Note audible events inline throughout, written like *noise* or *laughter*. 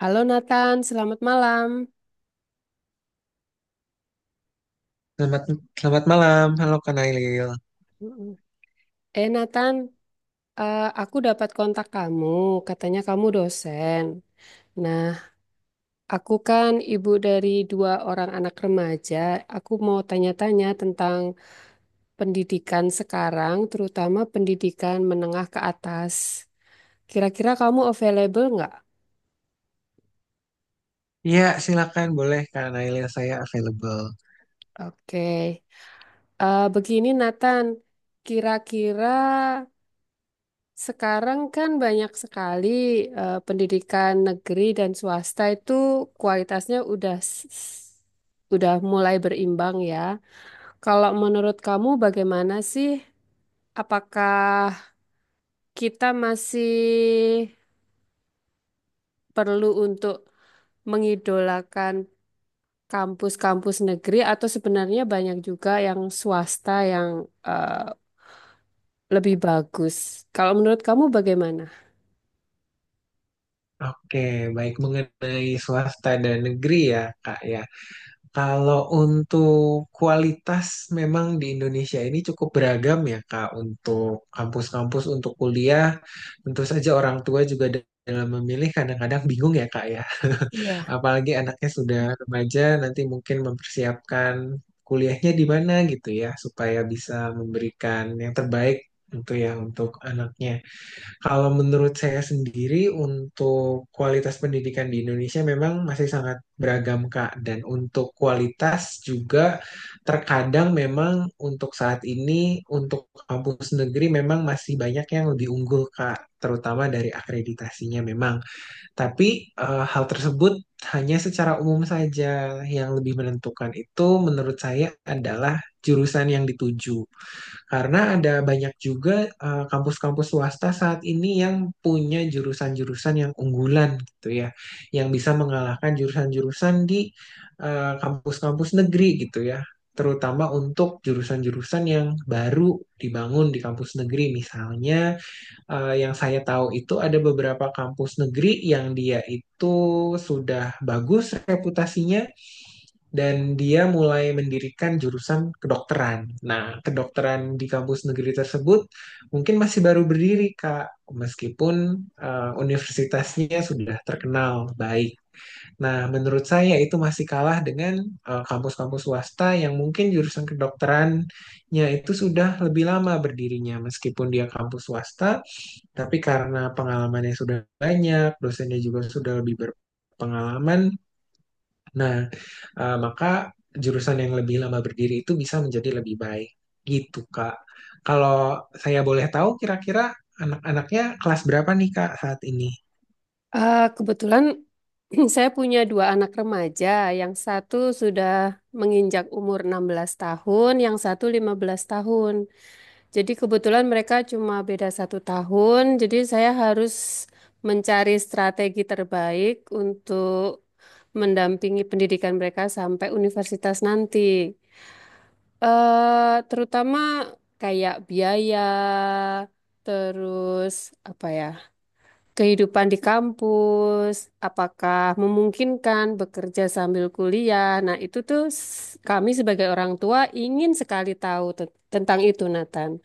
Halo Nathan, selamat malam. Selamat, selamat malam. Halo Kak Nailil. Mm-mm. Nathan, aku dapat kontak kamu, katanya kamu dosen. Nah, aku kan ibu dari dua orang anak remaja. Aku mau tanya-tanya tentang pendidikan sekarang, terutama pendidikan menengah ke atas. Kira-kira kamu available nggak? Iya, silakan boleh Kak Nailil, saya available. Oke. Begini Nathan, kira-kira sekarang kan banyak sekali pendidikan negeri dan swasta itu kualitasnya udah udah mulai berimbang ya. Kalau menurut kamu bagaimana sih? Apakah kita masih perlu untuk mengidolakan kampus-kampus negeri atau sebenarnya banyak juga yang swasta yang eh, lebih bagus? Kalau menurut kamu bagaimana? Oke, baik mengenai swasta dan negeri ya, Kak ya. Kalau untuk kualitas memang di Indonesia ini cukup beragam ya Kak untuk kampus-kampus untuk kuliah tentu saja orang tua juga dalam memilih kadang-kadang bingung ya Kak ya Iya. *laughs* apalagi anaknya sudah remaja nanti mungkin mempersiapkan kuliahnya di mana gitu ya supaya bisa memberikan yang terbaik untuk ya untuk anaknya. Kalau menurut saya sendiri, untuk kualitas pendidikan di Indonesia memang masih sangat beragam, Kak. Dan untuk kualitas juga terkadang memang untuk saat ini, untuk kampus negeri memang masih banyak yang lebih unggul, Kak. Terutama dari akreditasinya memang. Tapi hal tersebut hanya secara umum saja. Yang lebih menentukan itu menurut saya adalah jurusan yang dituju. Karena ada banyak juga kampus-kampus swasta saat ini yang punya jurusan-jurusan yang unggulan gitu ya, yang bisa mengalahkan jurusan-jurusan di kampus-kampus negeri gitu ya, terutama untuk jurusan-jurusan yang baru dibangun di kampus negeri. Misalnya yang saya tahu itu ada beberapa kampus negeri yang dia itu sudah bagus reputasinya, dan dia mulai mendirikan jurusan kedokteran. Nah, kedokteran di kampus negeri tersebut mungkin masih baru berdiri, Kak, meskipun universitasnya sudah terkenal baik. Nah, menurut saya itu masih kalah dengan kampus-kampus swasta yang mungkin jurusan kedokterannya itu sudah lebih lama berdirinya, meskipun dia kampus swasta, tapi karena pengalamannya sudah banyak, dosennya juga sudah lebih berpengalaman. Nah, maka jurusan yang lebih lama berdiri itu bisa menjadi lebih baik. Gitu, Kak. Kalau saya boleh tahu, kira-kira anak-anaknya kelas berapa nih, Kak, saat ini? Kebetulan *laughs* *clears throat* saya punya dua anak remaja, yang satu sudah menginjak umur 16 tahun, yang satu 15 tahun. Jadi kebetulan mereka cuma beda satu tahun, jadi saya harus mencari strategi terbaik untuk mendampingi pendidikan mereka sampai universitas nanti. Terutama kayak biaya, terus apa ya? Kehidupan di kampus, apakah memungkinkan bekerja sambil kuliah. Nah, itu tuh kami sebagai orang tua ingin sekali tahu tentang itu, Nathan.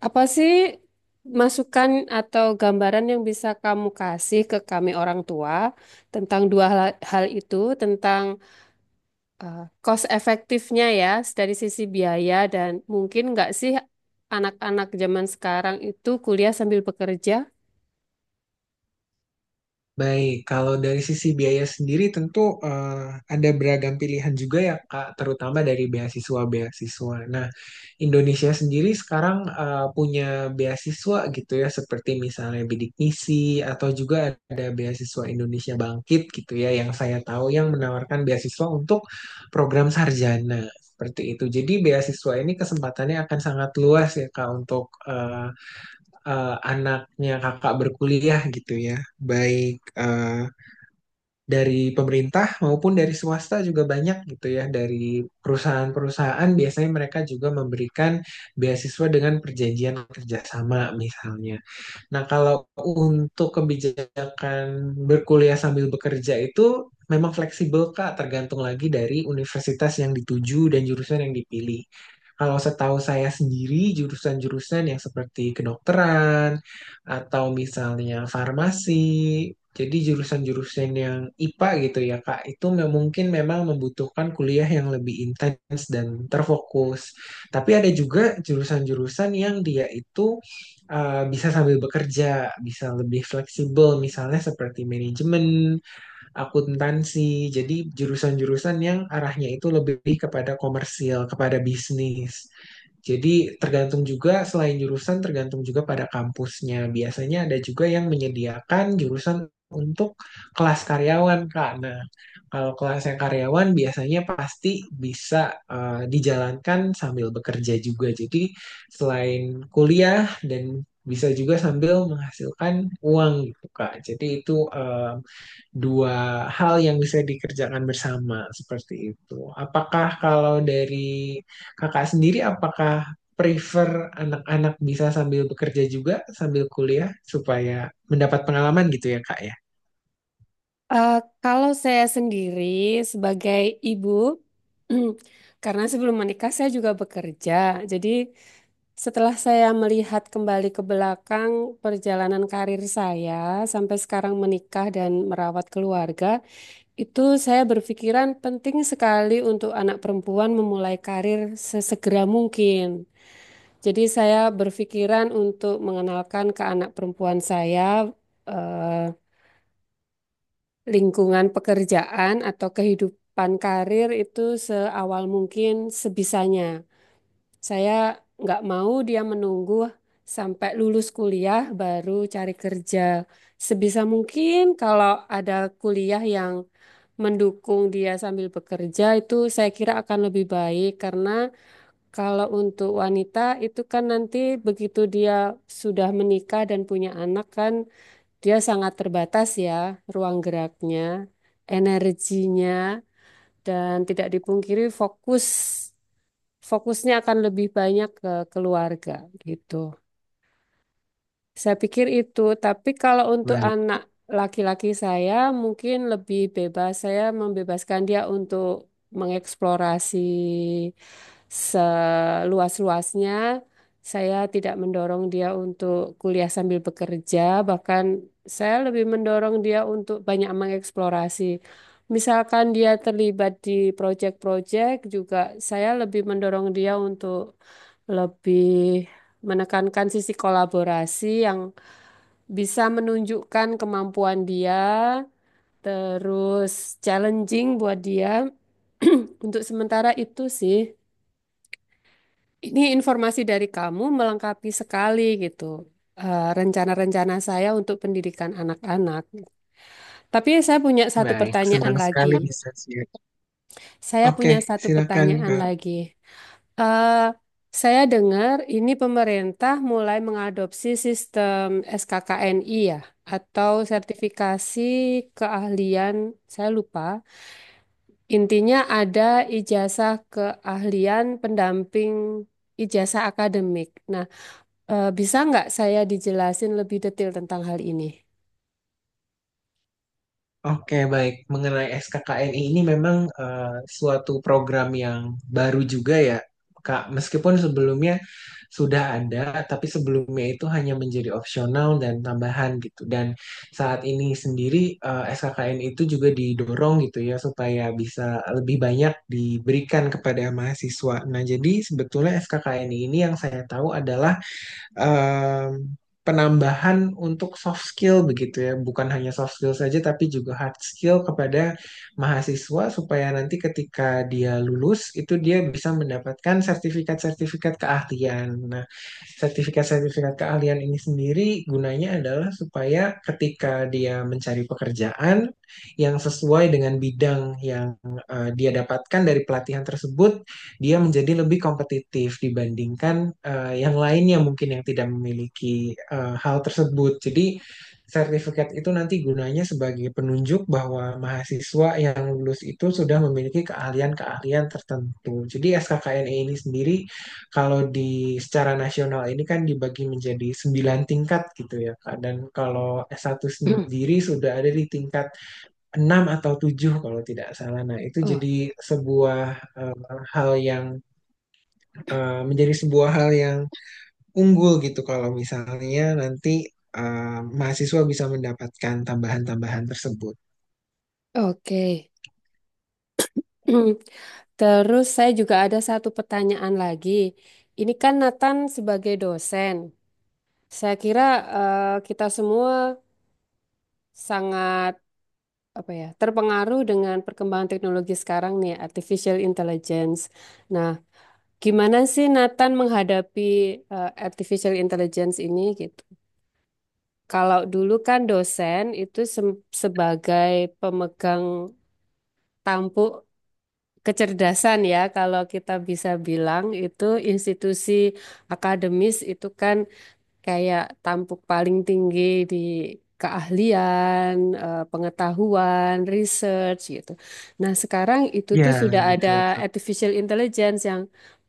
Apa sih masukan atau gambaran yang bisa kamu kasih ke kami orang tua tentang dua hal, hal itu, tentang cost efektifnya ya dari sisi biaya dan mungkin nggak sih anak-anak zaman sekarang itu kuliah sambil bekerja? Baik, kalau dari sisi biaya sendiri tentu eh, ada beragam pilihan juga ya Kak, terutama dari beasiswa-beasiswa. Nah, Indonesia sendiri sekarang punya beasiswa gitu ya, seperti misalnya Bidik Misi atau juga ada beasiswa Indonesia Bangkit gitu ya, yang saya tahu yang menawarkan beasiswa untuk program sarjana seperti itu. Jadi beasiswa ini kesempatannya akan sangat luas ya Kak untuk anaknya kakak berkuliah gitu ya, baik eh, dari pemerintah maupun dari swasta juga banyak gitu ya, dari perusahaan-perusahaan biasanya mereka juga memberikan beasiswa dengan perjanjian kerjasama misalnya. Nah, kalau untuk kebijakan berkuliah sambil bekerja itu memang fleksibel, Kak, tergantung lagi dari universitas yang dituju dan jurusan yang dipilih. Kalau setahu saya sendiri, jurusan-jurusan yang seperti kedokteran atau misalnya farmasi, jadi jurusan-jurusan yang IPA gitu ya, Kak, itu mungkin memang membutuhkan kuliah yang lebih intens dan terfokus. Tapi ada juga jurusan-jurusan yang dia itu bisa sambil bekerja, bisa lebih fleksibel, misalnya seperti manajemen, akuntansi. Jadi jurusan-jurusan yang arahnya itu lebih kepada komersil, kepada bisnis. Jadi tergantung juga selain jurusan, tergantung juga pada kampusnya. Biasanya ada juga yang menyediakan jurusan untuk kelas karyawan, Kak. Nah, kalau kelas yang karyawan biasanya pasti bisa dijalankan sambil bekerja juga. Jadi selain kuliah dan bisa juga sambil menghasilkan uang gitu, Kak. Jadi itu dua hal yang bisa dikerjakan bersama seperti itu. Apakah kalau dari kakak sendiri, apakah prefer anak-anak bisa sambil bekerja juga, sambil kuliah, supaya mendapat pengalaman gitu ya, Kak ya? Eh, Kalau saya sendiri sebagai ibu, *clears throat* karena sebelum menikah saya juga bekerja. Jadi setelah saya melihat kembali ke belakang perjalanan karir saya sampai sekarang menikah dan merawat keluarga, itu saya berpikiran penting sekali untuk anak perempuan memulai karir sesegera mungkin. Jadi saya berpikiran untuk mengenalkan ke anak perempuan saya eh, lingkungan pekerjaan atau kehidupan karir itu seawal mungkin sebisanya. Saya nggak mau dia menunggu sampai lulus kuliah baru cari kerja. Sebisa mungkin kalau ada kuliah yang mendukung dia sambil bekerja itu saya kira akan lebih baik karena kalau untuk wanita itu kan nanti begitu dia sudah menikah dan punya anak kan dia sangat terbatas ya ruang geraknya, energinya, dan tidak dipungkiri fokusnya akan lebih banyak ke keluarga gitu. Saya pikir itu, tapi kalau untuk Baik, anak laki-laki saya mungkin lebih bebas. Saya membebaskan dia untuk mengeksplorasi seluas-luasnya. Saya tidak mendorong dia untuk kuliah sambil bekerja, bahkan saya lebih mendorong dia untuk banyak mengeksplorasi. Misalkan dia terlibat di proyek-proyek juga, saya lebih mendorong dia untuk lebih menekankan sisi kolaborasi yang bisa menunjukkan kemampuan dia, terus challenging buat dia. *clears throat* Untuk sementara itu sih, ini informasi dari kamu melengkapi sekali gitu. Rencana-rencana saya untuk pendidikan anak-anak. Tapi saya punya satu baik. pertanyaan Senang lagi. sekali bisa share. Saya Oke, punya satu silakan, pertanyaan Kak. lagi. Eh, saya dengar ini pemerintah mulai mengadopsi sistem SKKNI ya, atau sertifikasi keahlian, saya lupa. Intinya ada ijazah keahlian pendamping ijazah akademik. Nah, bisa nggak saya dijelasin lebih detail tentang hal ini? Oke, baik. Mengenai SKKN ini memang suatu program yang baru juga ya, Kak. Meskipun sebelumnya sudah ada, tapi sebelumnya itu hanya menjadi opsional dan tambahan gitu. Dan saat ini sendiri SKKN itu juga didorong gitu ya supaya bisa lebih banyak diberikan kepada mahasiswa. Nah, jadi sebetulnya SKKN ini yang saya tahu adalah em, penambahan untuk soft skill begitu ya, bukan hanya soft skill saja tapi juga hard skill kepada mahasiswa supaya nanti ketika dia lulus itu dia bisa mendapatkan sertifikat-sertifikat keahlian. Nah, sertifikat-sertifikat keahlian ini sendiri gunanya adalah supaya ketika dia mencari pekerjaan yang sesuai dengan bidang yang dia dapatkan dari pelatihan tersebut dia menjadi lebih kompetitif dibandingkan yang lainnya mungkin yang tidak memiliki hal tersebut. Jadi sertifikat itu nanti gunanya sebagai penunjuk bahwa mahasiswa yang lulus itu sudah memiliki keahlian-keahlian tertentu. Jadi SKKNE ini sendiri kalau di secara nasional ini kan dibagi menjadi 9 tingkat gitu ya, Kak. Dan kalau S1 *clears throat* sendiri sudah ada di tingkat 6 atau 7 kalau tidak salah. Nah, itu Oh, jadi sebuah eh, hal yang menjadi sebuah hal yang unggul gitu kalau misalnya nanti mahasiswa bisa mendapatkan tambahan-tambahan tersebut. oke. *clears throat* Terus saya juga ada satu pertanyaan lagi. Ini kan Nathan sebagai dosen. Saya kira kita semua sangat apa ya terpengaruh dengan perkembangan teknologi sekarang nih, artificial intelligence. Nah, gimana sih Nathan menghadapi artificial intelligence ini gitu? Kalau dulu kan dosen itu sebagai pemegang tampuk kecerdasan ya, kalau kita bisa bilang itu institusi akademis itu kan kayak tampuk paling tinggi di keahlian, pengetahuan, research gitu. Nah, sekarang itu tuh Ya, sudah ada betul. artificial intelligence yang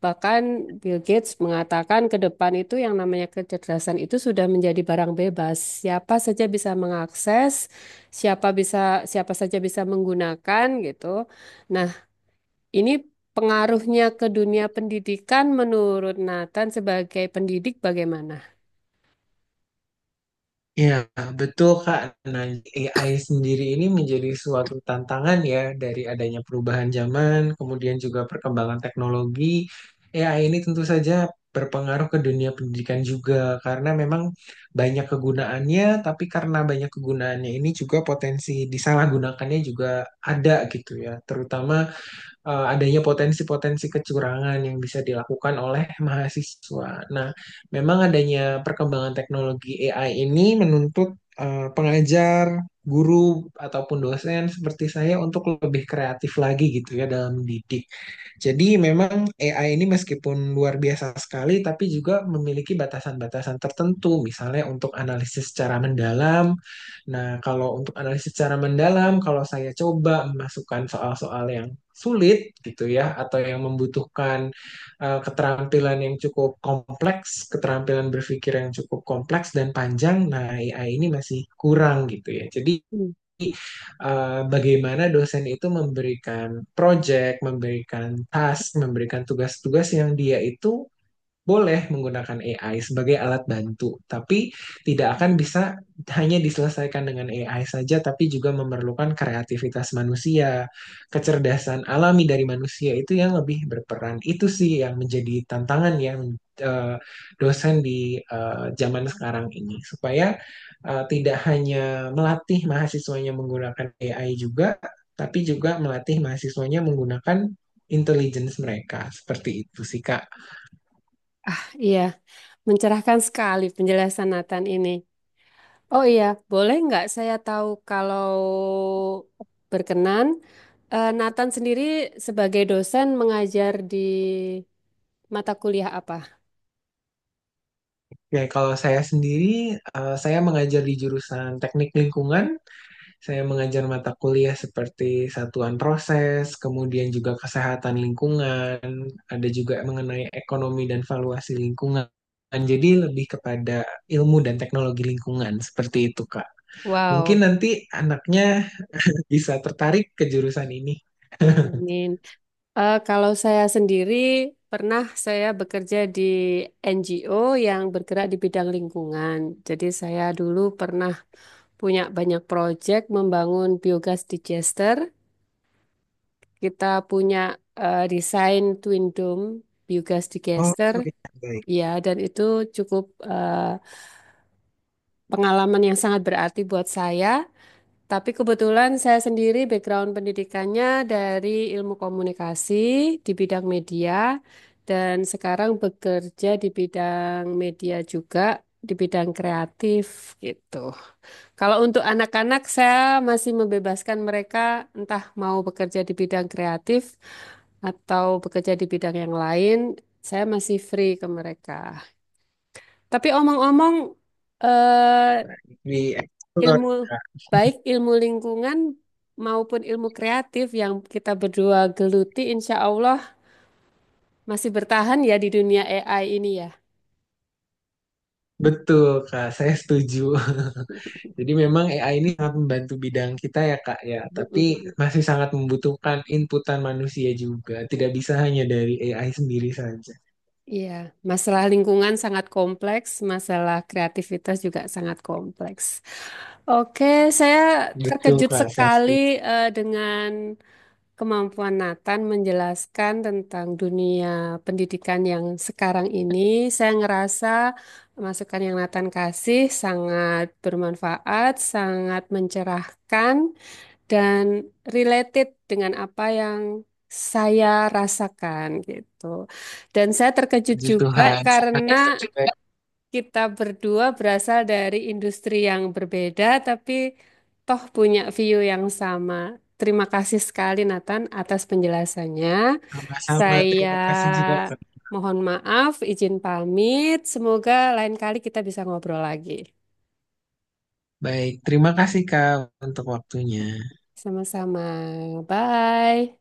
bahkan Bill Gates mengatakan ke depan itu yang namanya kecerdasan itu sudah menjadi barang bebas. Siapa saja bisa mengakses, siapa bisa siapa saja bisa menggunakan gitu. Nah, ini pengaruhnya ke dunia pendidikan menurut Nathan sebagai pendidik bagaimana? Ya, betul Kak. Nah, AI sendiri ini menjadi suatu tantangan ya dari adanya perubahan zaman, kemudian juga perkembangan teknologi. AI ini tentu saja berpengaruh ke dunia pendidikan juga karena memang banyak kegunaannya, tapi karena banyak kegunaannya ini juga potensi disalahgunakannya juga ada gitu ya. Terutama adanya potensi-potensi kecurangan yang bisa dilakukan oleh mahasiswa. Nah, memang adanya perkembangan teknologi AI ini menuntut pengajar, guru, ataupun dosen seperti saya untuk lebih kreatif lagi gitu ya dalam mendidik. Jadi memang AI ini meskipun luar biasa sekali, tapi juga memiliki batasan-batasan tertentu, misalnya untuk analisis secara mendalam. Nah, kalau untuk analisis secara mendalam, kalau saya coba memasukkan soal-soal yang sulit gitu ya, atau yang membutuhkan keterampilan yang cukup kompleks, keterampilan berpikir yang cukup kompleks dan panjang, nah AI ini masih kurang gitu ya. Jadi Hmm. Bagaimana dosen itu memberikan project, memberikan task, memberikan tugas-tugas yang dia itu boleh menggunakan AI sebagai alat bantu, tapi tidak akan bisa hanya diselesaikan dengan AI saja, tapi juga memerlukan kreativitas manusia, kecerdasan alami dari manusia itu yang lebih berperan. Itu sih yang menjadi tantangan yang eh, dosen di zaman sekarang ini, supaya tidak hanya melatih mahasiswanya menggunakan AI juga, tapi juga melatih mahasiswanya menggunakan intelligence mereka. Seperti itu sih, Kak. Iya, mencerahkan sekali penjelasan Nathan ini. Oh iya, boleh nggak saya tahu kalau berkenan, Nathan sendiri sebagai dosen mengajar di mata kuliah apa? Ya, kalau saya sendiri, saya mengajar di jurusan teknik lingkungan. Saya mengajar mata kuliah seperti satuan proses, kemudian juga kesehatan lingkungan, ada juga mengenai ekonomi dan valuasi lingkungan. Jadi lebih kepada ilmu dan teknologi lingkungan, seperti itu, Kak. Mungkin Wow, nanti anaknya bisa tertarik ke jurusan ini. amin. Kalau saya sendiri pernah saya bekerja di NGO yang bergerak di bidang lingkungan. Jadi saya dulu pernah punya banyak proyek membangun biogas digester. Kita punya desain Twin Dome biogas Oh, digester, iya, baik. ya, dan itu cukup eh, pengalaman yang sangat berarti buat saya. Tapi kebetulan saya sendiri background pendidikannya dari ilmu komunikasi di bidang media, dan sekarang bekerja di bidang media juga, di bidang kreatif gitu. Kalau untuk anak-anak, saya masih membebaskan mereka entah mau bekerja di bidang kreatif atau bekerja di bidang yang lain. Saya masih free ke mereka. Tapi omong-omong, eh, Di explore, ilmu Kak. baik ilmu lingkungan maupun ilmu kreatif yang kita berdua geluti, insya Allah masih bertahan ya di dunia AI ini ya. Betul, Kak. Saya setuju. Jadi memang AI ini sangat membantu bidang kita ya Kak ya, tapi *laughs* masih sangat membutuhkan inputan manusia juga. Tidak bisa hanya dari AI sendiri saja. Iya, masalah lingkungan sangat kompleks, masalah kreativitas juga sangat kompleks. Oke, saya Betul terkejut Kak, saya sekali setuju. Dengan kemampuan Nathan menjelaskan tentang dunia pendidikan yang sekarang ini. Saya ngerasa masukan yang Nathan kasih sangat bermanfaat, sangat mencerahkan dan related dengan apa yang saya rasakan gitu. Dan saya terkejut Puji juga Tuhan. karena kita berdua berasal dari industri yang berbeda, tapi toh punya view yang sama. Terima kasih sekali Nathan atas penjelasannya. Sama-sama, Saya terima kasih juga Kak. mohon maaf, izin pamit. Semoga lain kali kita bisa ngobrol lagi. Baik, terima kasih Kak untuk waktunya. Sama-sama. Bye.